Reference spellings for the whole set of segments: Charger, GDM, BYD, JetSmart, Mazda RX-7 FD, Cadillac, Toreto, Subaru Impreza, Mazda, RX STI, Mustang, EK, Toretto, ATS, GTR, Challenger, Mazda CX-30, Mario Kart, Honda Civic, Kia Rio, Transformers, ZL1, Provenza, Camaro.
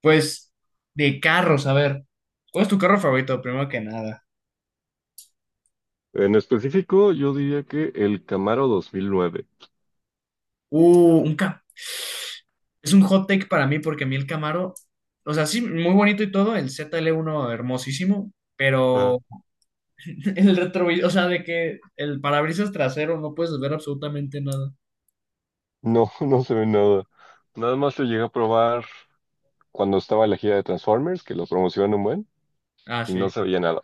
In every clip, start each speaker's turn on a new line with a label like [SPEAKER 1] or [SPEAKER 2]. [SPEAKER 1] Pues de carros, a ver, ¿cuál es tu carro favorito? Primero que nada.
[SPEAKER 2] En específico, yo diría que el Camaro 2009.
[SPEAKER 1] Uh, un Cam- es un hot take para mí porque a mí el Camaro, o sea, sí, muy bonito y todo, el ZL1 hermosísimo,
[SPEAKER 2] Ajá.
[SPEAKER 1] pero el retrovisor, o sea, de que el parabrisas trasero no puedes ver absolutamente nada.
[SPEAKER 2] No, no se ve nada. Nada más lo llegué a probar cuando estaba en la gira de Transformers, que lo promocionan un buen,
[SPEAKER 1] Ah,
[SPEAKER 2] y no
[SPEAKER 1] sí.
[SPEAKER 2] se veía nada.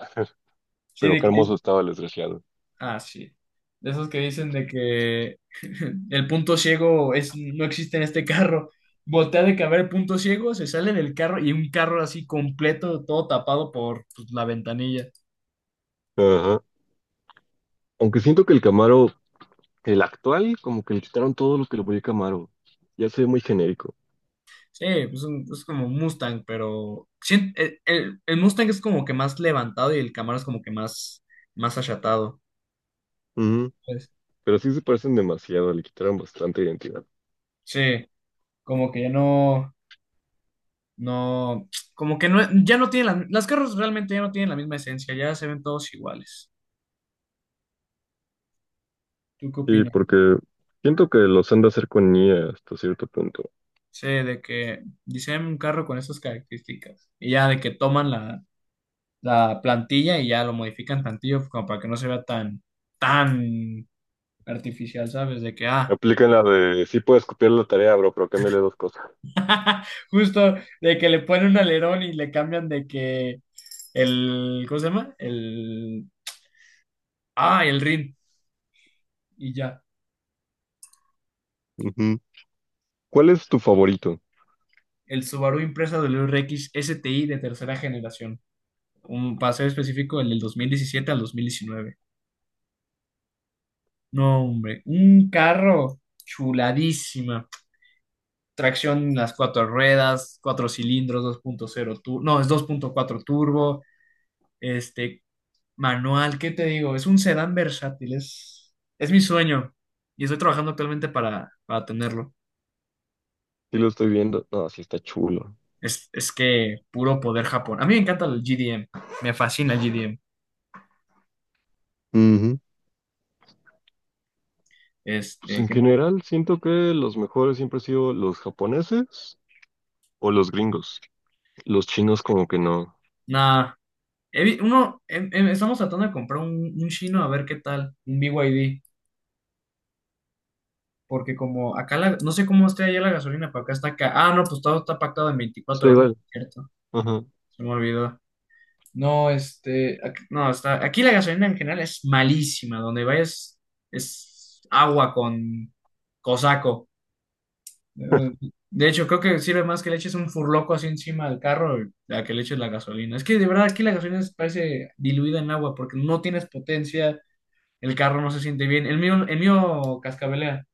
[SPEAKER 1] Sí,
[SPEAKER 2] Pero
[SPEAKER 1] de
[SPEAKER 2] qué
[SPEAKER 1] que.
[SPEAKER 2] hermoso estaba el desgraciado.
[SPEAKER 1] Ah, sí. De esos que dicen de que el punto ciego es, no existe en este carro. Voltea de que a ver el punto ciego, se sale del carro y un carro así completo, todo tapado por pues, la ventanilla.
[SPEAKER 2] Ajá. Aunque siento que el Camaro, el actual, como que le quitaron todo lo que le ponía Camaro. Ya se ve muy genérico.
[SPEAKER 1] Sí, pues, es como un Mustang, pero sí, el Mustang es como que más levantado y el Camaro es como que más, más achatado.
[SPEAKER 2] Ujú.
[SPEAKER 1] Pues,
[SPEAKER 2] Pero sí se parecen demasiado, le quitaron bastante identidad.
[SPEAKER 1] sí, como que ya no, no, como que no, ya no tienen las carros realmente ya no tienen la misma esencia, ya se ven todos iguales. ¿Tú qué
[SPEAKER 2] Y
[SPEAKER 1] opinas?
[SPEAKER 2] porque siento que los han de hacer con IA hasta cierto punto.
[SPEAKER 1] Sí, de que diseñan un carro con esas características. Y ya de que toman la plantilla y ya lo modifican tantillo pues, como para que no se vea tan, tan artificial, ¿sabes? De que,
[SPEAKER 2] Me aplican la de, sí puedes copiar la tarea, bro, pero cámbiale dos cosas.
[SPEAKER 1] justo de que le ponen un alerón y le cambian de que el, ¿cómo se llama? El, el RIN. Y ya,
[SPEAKER 2] Ujú. ¿Cuál es tu favorito?
[SPEAKER 1] el Subaru Impreza del RX STI de tercera generación. Un paseo específico, el del 2017 al 2019. No, hombre, un carro chuladísima. Tracción en las cuatro ruedas, cuatro cilindros, 2.0 turbo, no, es 2.4 turbo, este, manual, ¿qué te digo? Es un sedán versátil, es mi sueño y estoy trabajando actualmente para tenerlo.
[SPEAKER 2] Sí lo estoy viendo. No, sí está chulo.
[SPEAKER 1] Es que puro poder Japón. A mí me encanta el GDM, me fascina el GDM.
[SPEAKER 2] Ujú. Pues
[SPEAKER 1] Este,
[SPEAKER 2] en
[SPEAKER 1] que-
[SPEAKER 2] general siento que los mejores siempre han sido los japoneses o los gringos. Los chinos como que no.
[SPEAKER 1] Nada, uno, estamos tratando de comprar un chino a ver qué tal, un BYD. Porque como acá, no sé cómo esté allá la gasolina, pero acá está acá. Ah, no, pues todo está pactado en
[SPEAKER 2] Está
[SPEAKER 1] 24 horas,
[SPEAKER 2] igual.
[SPEAKER 1] ¿cierto?
[SPEAKER 2] Ajá.
[SPEAKER 1] Se me olvidó. No. No, aquí la gasolina en general es malísima. Donde vayas es agua con cosaco. eh, De hecho, creo que sirve más que le eches un furloco así encima del carro a que le eches la gasolina. Es que de verdad aquí la gasolina parece diluida en agua porque no tienes potencia, el carro no se siente bien. El mío cascabelea.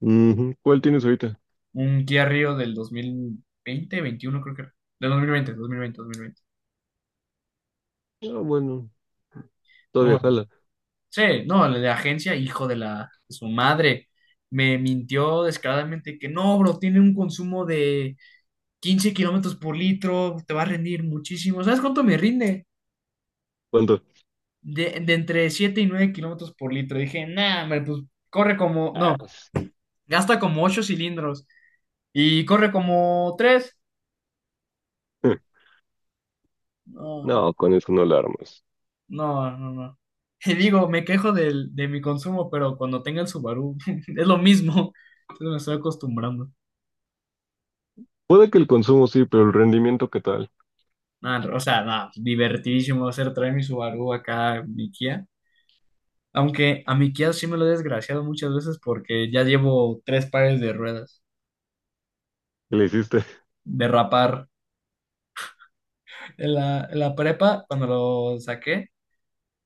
[SPEAKER 2] Ujú. ¿Cuál tienes ahorita?
[SPEAKER 1] Un Kia Rio del dos mil veinte 21 creo que era. Del dos mil veinte dos mil veinte, dos mil veinte.
[SPEAKER 2] Ah, bueno, todavía
[SPEAKER 1] No,
[SPEAKER 2] jala.
[SPEAKER 1] sí, no, el de agencia, hijo de la de su madre. Me mintió descaradamente que no, bro, tiene un consumo de 15 kilómetros por litro, te va a rendir muchísimo. ¿Sabes cuánto me rinde?
[SPEAKER 2] ¿Cuánto?
[SPEAKER 1] De entre 7 y 9 kilómetros por litro. Dije, nah, hombre, pues corre como, no,
[SPEAKER 2] Ah, s-
[SPEAKER 1] gasta como 8 cilindros y corre como 3.
[SPEAKER 2] No, con eso no la armas.
[SPEAKER 1] No, no, no. Y digo, me quejo de mi consumo, pero cuando tenga el Subaru es lo mismo. Entonces me estoy acostumbrando.
[SPEAKER 2] Puede que el consumo sí, pero el rendimiento, ¿qué tal?
[SPEAKER 1] Nada, o sea, nada, divertidísimo va a ser traer mi Subaru acá mi Kia. Aunque a mi Kia sí me lo he desgraciado muchas veces porque ya llevo tres pares de ruedas.
[SPEAKER 2] ¿Qué le hiciste?
[SPEAKER 1] Derrapar. En la prepa, cuando lo saqué,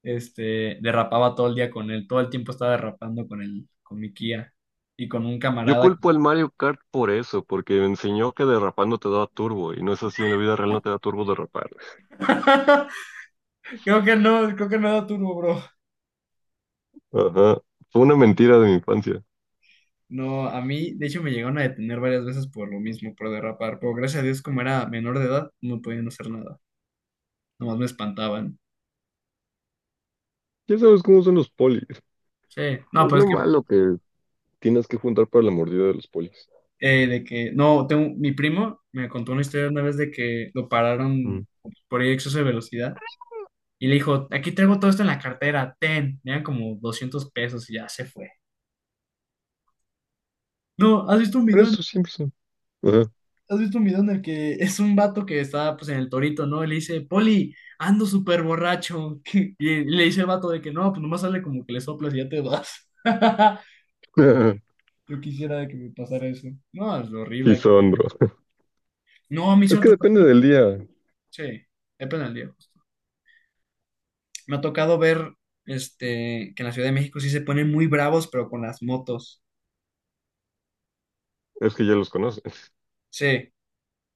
[SPEAKER 1] derrapaba todo el día con él. Todo el tiempo estaba derrapando con él, con mi Kia. Y con un
[SPEAKER 2] Yo
[SPEAKER 1] camarada.
[SPEAKER 2] culpo al Mario Kart por eso, porque me enseñó que derrapando te da turbo, y no es así, en la vida real no te da turbo derrapar.
[SPEAKER 1] Creo que no era turbo, bro.
[SPEAKER 2] Ajá, fue una mentira de mi infancia.
[SPEAKER 1] No, a mí, de hecho, me llegaron a detener varias veces por lo mismo, por derrapar. Pero gracias a Dios, como era menor de edad, no podían hacer nada. Nomás me espantaban.
[SPEAKER 2] Ya sabes cómo son los polis.
[SPEAKER 1] Sí. No,
[SPEAKER 2] Es
[SPEAKER 1] pues
[SPEAKER 2] lo
[SPEAKER 1] es
[SPEAKER 2] malo que tienes que juntar para la mordida de los polis.
[SPEAKER 1] que, de que, no, tengo, mi primo me contó una historia una vez de que lo pararon
[SPEAKER 2] Mm.
[SPEAKER 1] por exceso de velocidad y le dijo, aquí traigo todo esto en la cartera, ten. Me dan como 200 pesos y ya se fue. No, ¿has visto un
[SPEAKER 2] Pero
[SPEAKER 1] video
[SPEAKER 2] eso siempre son. Ajá.
[SPEAKER 1] ¿Has visto un video en el que es un vato que está pues en el torito, ¿no? Y le dice, Poli, ando súper borracho. Y le dice el vato de que no, pues nomás sale como que le soplas y ya te vas. Yo quisiera que me pasara eso. No, es
[SPEAKER 2] Sí
[SPEAKER 1] horrible.
[SPEAKER 2] son, bro.
[SPEAKER 1] No, a mí sí
[SPEAKER 2] Es
[SPEAKER 1] me ha
[SPEAKER 2] que
[SPEAKER 1] tocado.
[SPEAKER 2] depende del día.
[SPEAKER 1] Sí, depende del día. Justo. Me ha tocado ver que en la Ciudad de México sí se ponen muy bravos, pero con las motos.
[SPEAKER 2] Es que ya los conoces.
[SPEAKER 1] Sí,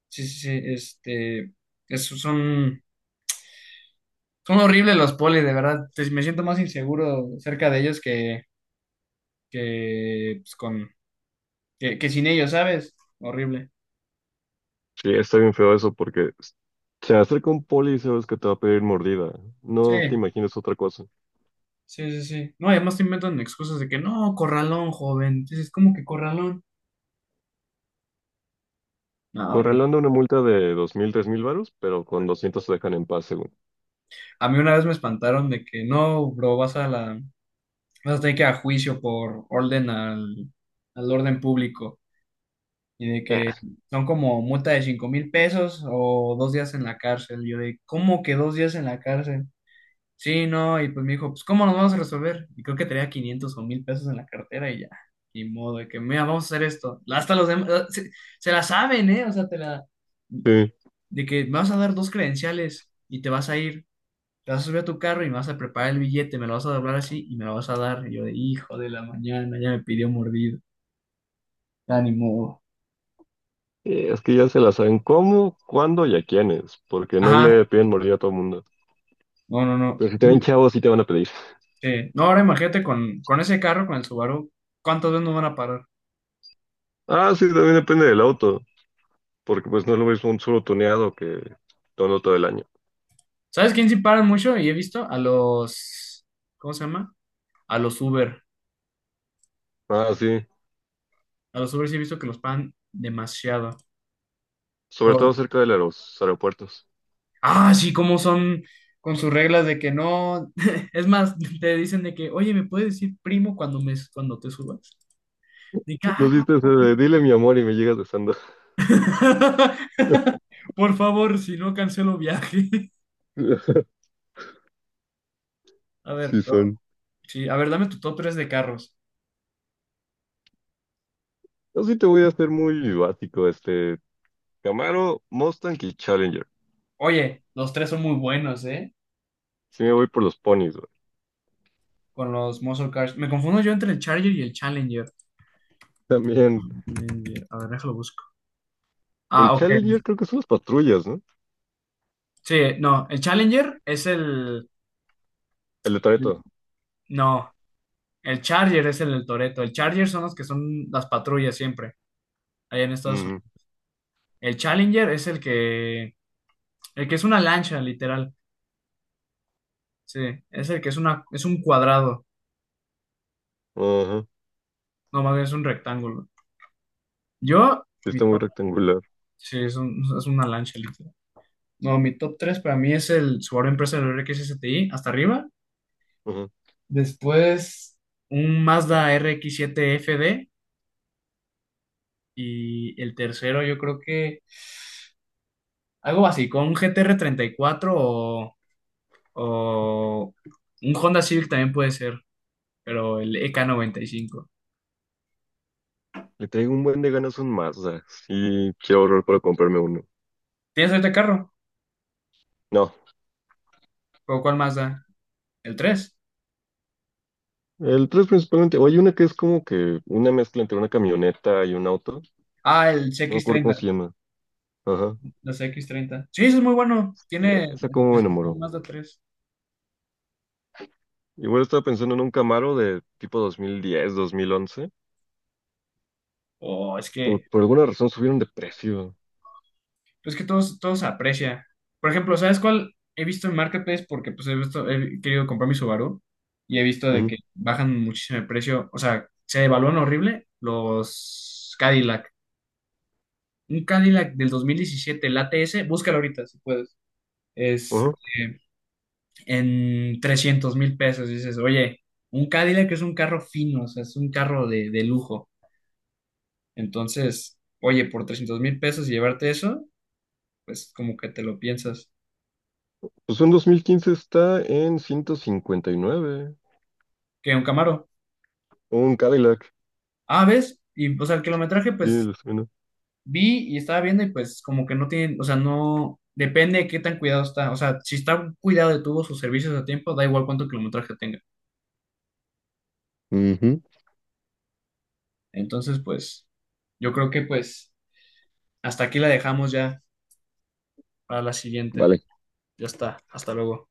[SPEAKER 1] sí, sí, sí. Es- son, son horribles los polis, de verdad. Me siento más inseguro cerca de ellos que, pues, con, que sin ellos, ¿sabes? Horrible.
[SPEAKER 2] Sí, está bien feo eso porque se acerca un poli y sabes que te va a pedir mordida.
[SPEAKER 1] Sí,
[SPEAKER 2] No te imagines otra cosa.
[SPEAKER 1] sí, sí, sí. No, y además te inventan excusas de que no, corralón, joven. Dices, ¿cómo que corralón? No,
[SPEAKER 2] Por
[SPEAKER 1] horrible.
[SPEAKER 2] una multa de 2000 3000 varos, pero con 200 se dejan en paz, según.
[SPEAKER 1] A mí una vez me espantaron de que no, bro, vas a tener que ir a juicio por orden al orden público. Y de que
[SPEAKER 2] Ah,
[SPEAKER 1] son como multa de 5,000 pesos o 2 días en la cárcel. Y yo de, ¿cómo que 2 días en la cárcel? Sí, no, y pues me dijo, pues ¿cómo nos vamos a resolver? Y creo que tenía 500 o 1,000 pesos en la cartera y ya, ni modo, de que, mira, vamos a hacer esto. Hasta los demás, se la saben, ¿eh? O sea,
[SPEAKER 2] sí.
[SPEAKER 1] de que me vas a dar dos credenciales y te vas a ir, te vas a subir a tu carro y me vas a preparar el billete, me lo vas a doblar así y me lo vas a dar. Y yo de, hijo de la mañana, ya me pidió mordido, ya ni modo.
[SPEAKER 2] Es que ya se la saben cómo, cuándo y a quiénes, porque no
[SPEAKER 1] Ajá,
[SPEAKER 2] le piden morir a todo mundo.
[SPEAKER 1] no, no, no.
[SPEAKER 2] Pero si te ven chavos, sí te van a pedir.
[SPEAKER 1] Sí. No, ahora imagínate con ese carro, con el Subaru, ¿cuántas veces nos van a parar?
[SPEAKER 2] Ah, sí, también depende del auto, porque pues no es lo mismo un solo tuneado que todo todo el año.
[SPEAKER 1] ¿Sabes quién sí paran mucho? Y he visto a los, ¿cómo se llama? A los Uber.
[SPEAKER 2] Ah, sí,
[SPEAKER 1] A los Uber sí he visto que los pagan demasiado.
[SPEAKER 2] sobre
[SPEAKER 1] Por,
[SPEAKER 2] todo cerca de los aeropuertos.
[SPEAKER 1] sí, cómo son con sus reglas de que no. Es más, te dicen de que, oye, ¿me puedes decir primo cuando te subas? De que,
[SPEAKER 2] No
[SPEAKER 1] "Ah".
[SPEAKER 2] hiciste ese de, dile mi amor y me llegas besando.
[SPEAKER 1] Por favor, si no cancelo viaje. A
[SPEAKER 2] Sí
[SPEAKER 1] ver, no,
[SPEAKER 2] son.
[SPEAKER 1] sí, a ver, dame tu top 3 de carros.
[SPEAKER 2] Yo sí te voy a hacer muy básico, este, Camaro, Mustang y Challenger.
[SPEAKER 1] Oye, los tres son muy buenos, ¿eh?
[SPEAKER 2] Sí me voy por los ponis, güey.
[SPEAKER 1] Con los muscle cars. Me confundo yo entre el Charger y el Challenger.
[SPEAKER 2] También.
[SPEAKER 1] Challenger. A ver, déjalo busco.
[SPEAKER 2] El
[SPEAKER 1] Ah,
[SPEAKER 2] Challenger
[SPEAKER 1] ok.
[SPEAKER 2] creo que son las patrullas, ¿no?
[SPEAKER 1] Sí, no, el Challenger es
[SPEAKER 2] El de
[SPEAKER 1] el-
[SPEAKER 2] Toreto.
[SPEAKER 1] no, el Charger es el del Toretto. El Charger son los que son las patrullas siempre, allá en Estados
[SPEAKER 2] Ujú.
[SPEAKER 1] Unidos. El Challenger es el que. El que es una lancha, literal. Sí, es el que es una. Es un cuadrado.
[SPEAKER 2] Ajá.
[SPEAKER 1] No, más bien es un rectángulo. Yo,
[SPEAKER 2] Sí,
[SPEAKER 1] mi
[SPEAKER 2] está muy
[SPEAKER 1] top.
[SPEAKER 2] rectangular.
[SPEAKER 1] Sí, es una lancha, literal. No, mi top 3 para mí es el Subaru Impreza del RX-STI, hasta arriba.
[SPEAKER 2] Ajá.
[SPEAKER 1] Después, un Mazda RX-7 FD. Y el tercero, yo creo que algo así, con un GTR cuatro o un Honda Civic también puede ser, pero el EK5.
[SPEAKER 2] Le traigo un buen de ganas a un Mazda. Sí, quiero ahorrar para comprarme uno.
[SPEAKER 1] ¿Tienes este carro?
[SPEAKER 2] No.
[SPEAKER 1] ¿O cuál más da? ¿El tres?
[SPEAKER 2] El 3 principalmente. O hay una que es como que una mezcla entre una camioneta y un auto.
[SPEAKER 1] Ah, el
[SPEAKER 2] No me
[SPEAKER 1] cx
[SPEAKER 2] acuerdo cómo
[SPEAKER 1] treinta
[SPEAKER 2] se llama. Ajá.
[SPEAKER 1] Los CX-30. Sí, ese es muy bueno.
[SPEAKER 2] Sí,
[SPEAKER 1] Tiene
[SPEAKER 2] esa como me
[SPEAKER 1] el
[SPEAKER 2] enamoró.
[SPEAKER 1] Mazda 3.
[SPEAKER 2] Igual estaba pensando en un Camaro de tipo 2010, 2011.
[SPEAKER 1] Oh, es que
[SPEAKER 2] Pero por alguna razón subieron de precio.
[SPEAKER 1] pues que todos aprecia. Por ejemplo, ¿sabes cuál he visto en Marketplace? Porque pues he visto, he querido comprar mi Subaru y he visto de
[SPEAKER 2] Ujú.
[SPEAKER 1] que bajan muchísimo el precio. O sea, se devalúan horrible los Cadillac. Un Cadillac del 2017, el ATS, búscalo ahorita si puedes. Es
[SPEAKER 2] Ajá.
[SPEAKER 1] en 300,000 pesos. Dices, oye, un Cadillac es un carro fino, o sea, es un carro de lujo. Entonces, oye, por 300,000 pesos y llevarte eso, pues como que te lo piensas.
[SPEAKER 2] Pues un 2015 está en 159.
[SPEAKER 1] ¿Qué, un Camaro?
[SPEAKER 2] Un Cadillac.
[SPEAKER 1] Ah, ¿ves? Y, o sea, el kilometraje,
[SPEAKER 2] Sí,
[SPEAKER 1] pues,
[SPEAKER 2] lo suena.
[SPEAKER 1] vi y estaba viendo y pues como que no tienen, o sea, no, depende de qué tan cuidado está. O sea, si está cuidado de tuvo sus servicios a tiempo, da igual cuánto kilometraje tenga.
[SPEAKER 2] Ujú.
[SPEAKER 1] Entonces, pues, yo creo que pues hasta aquí la dejamos ya para la siguiente.
[SPEAKER 2] Vale.
[SPEAKER 1] Ya está, hasta luego.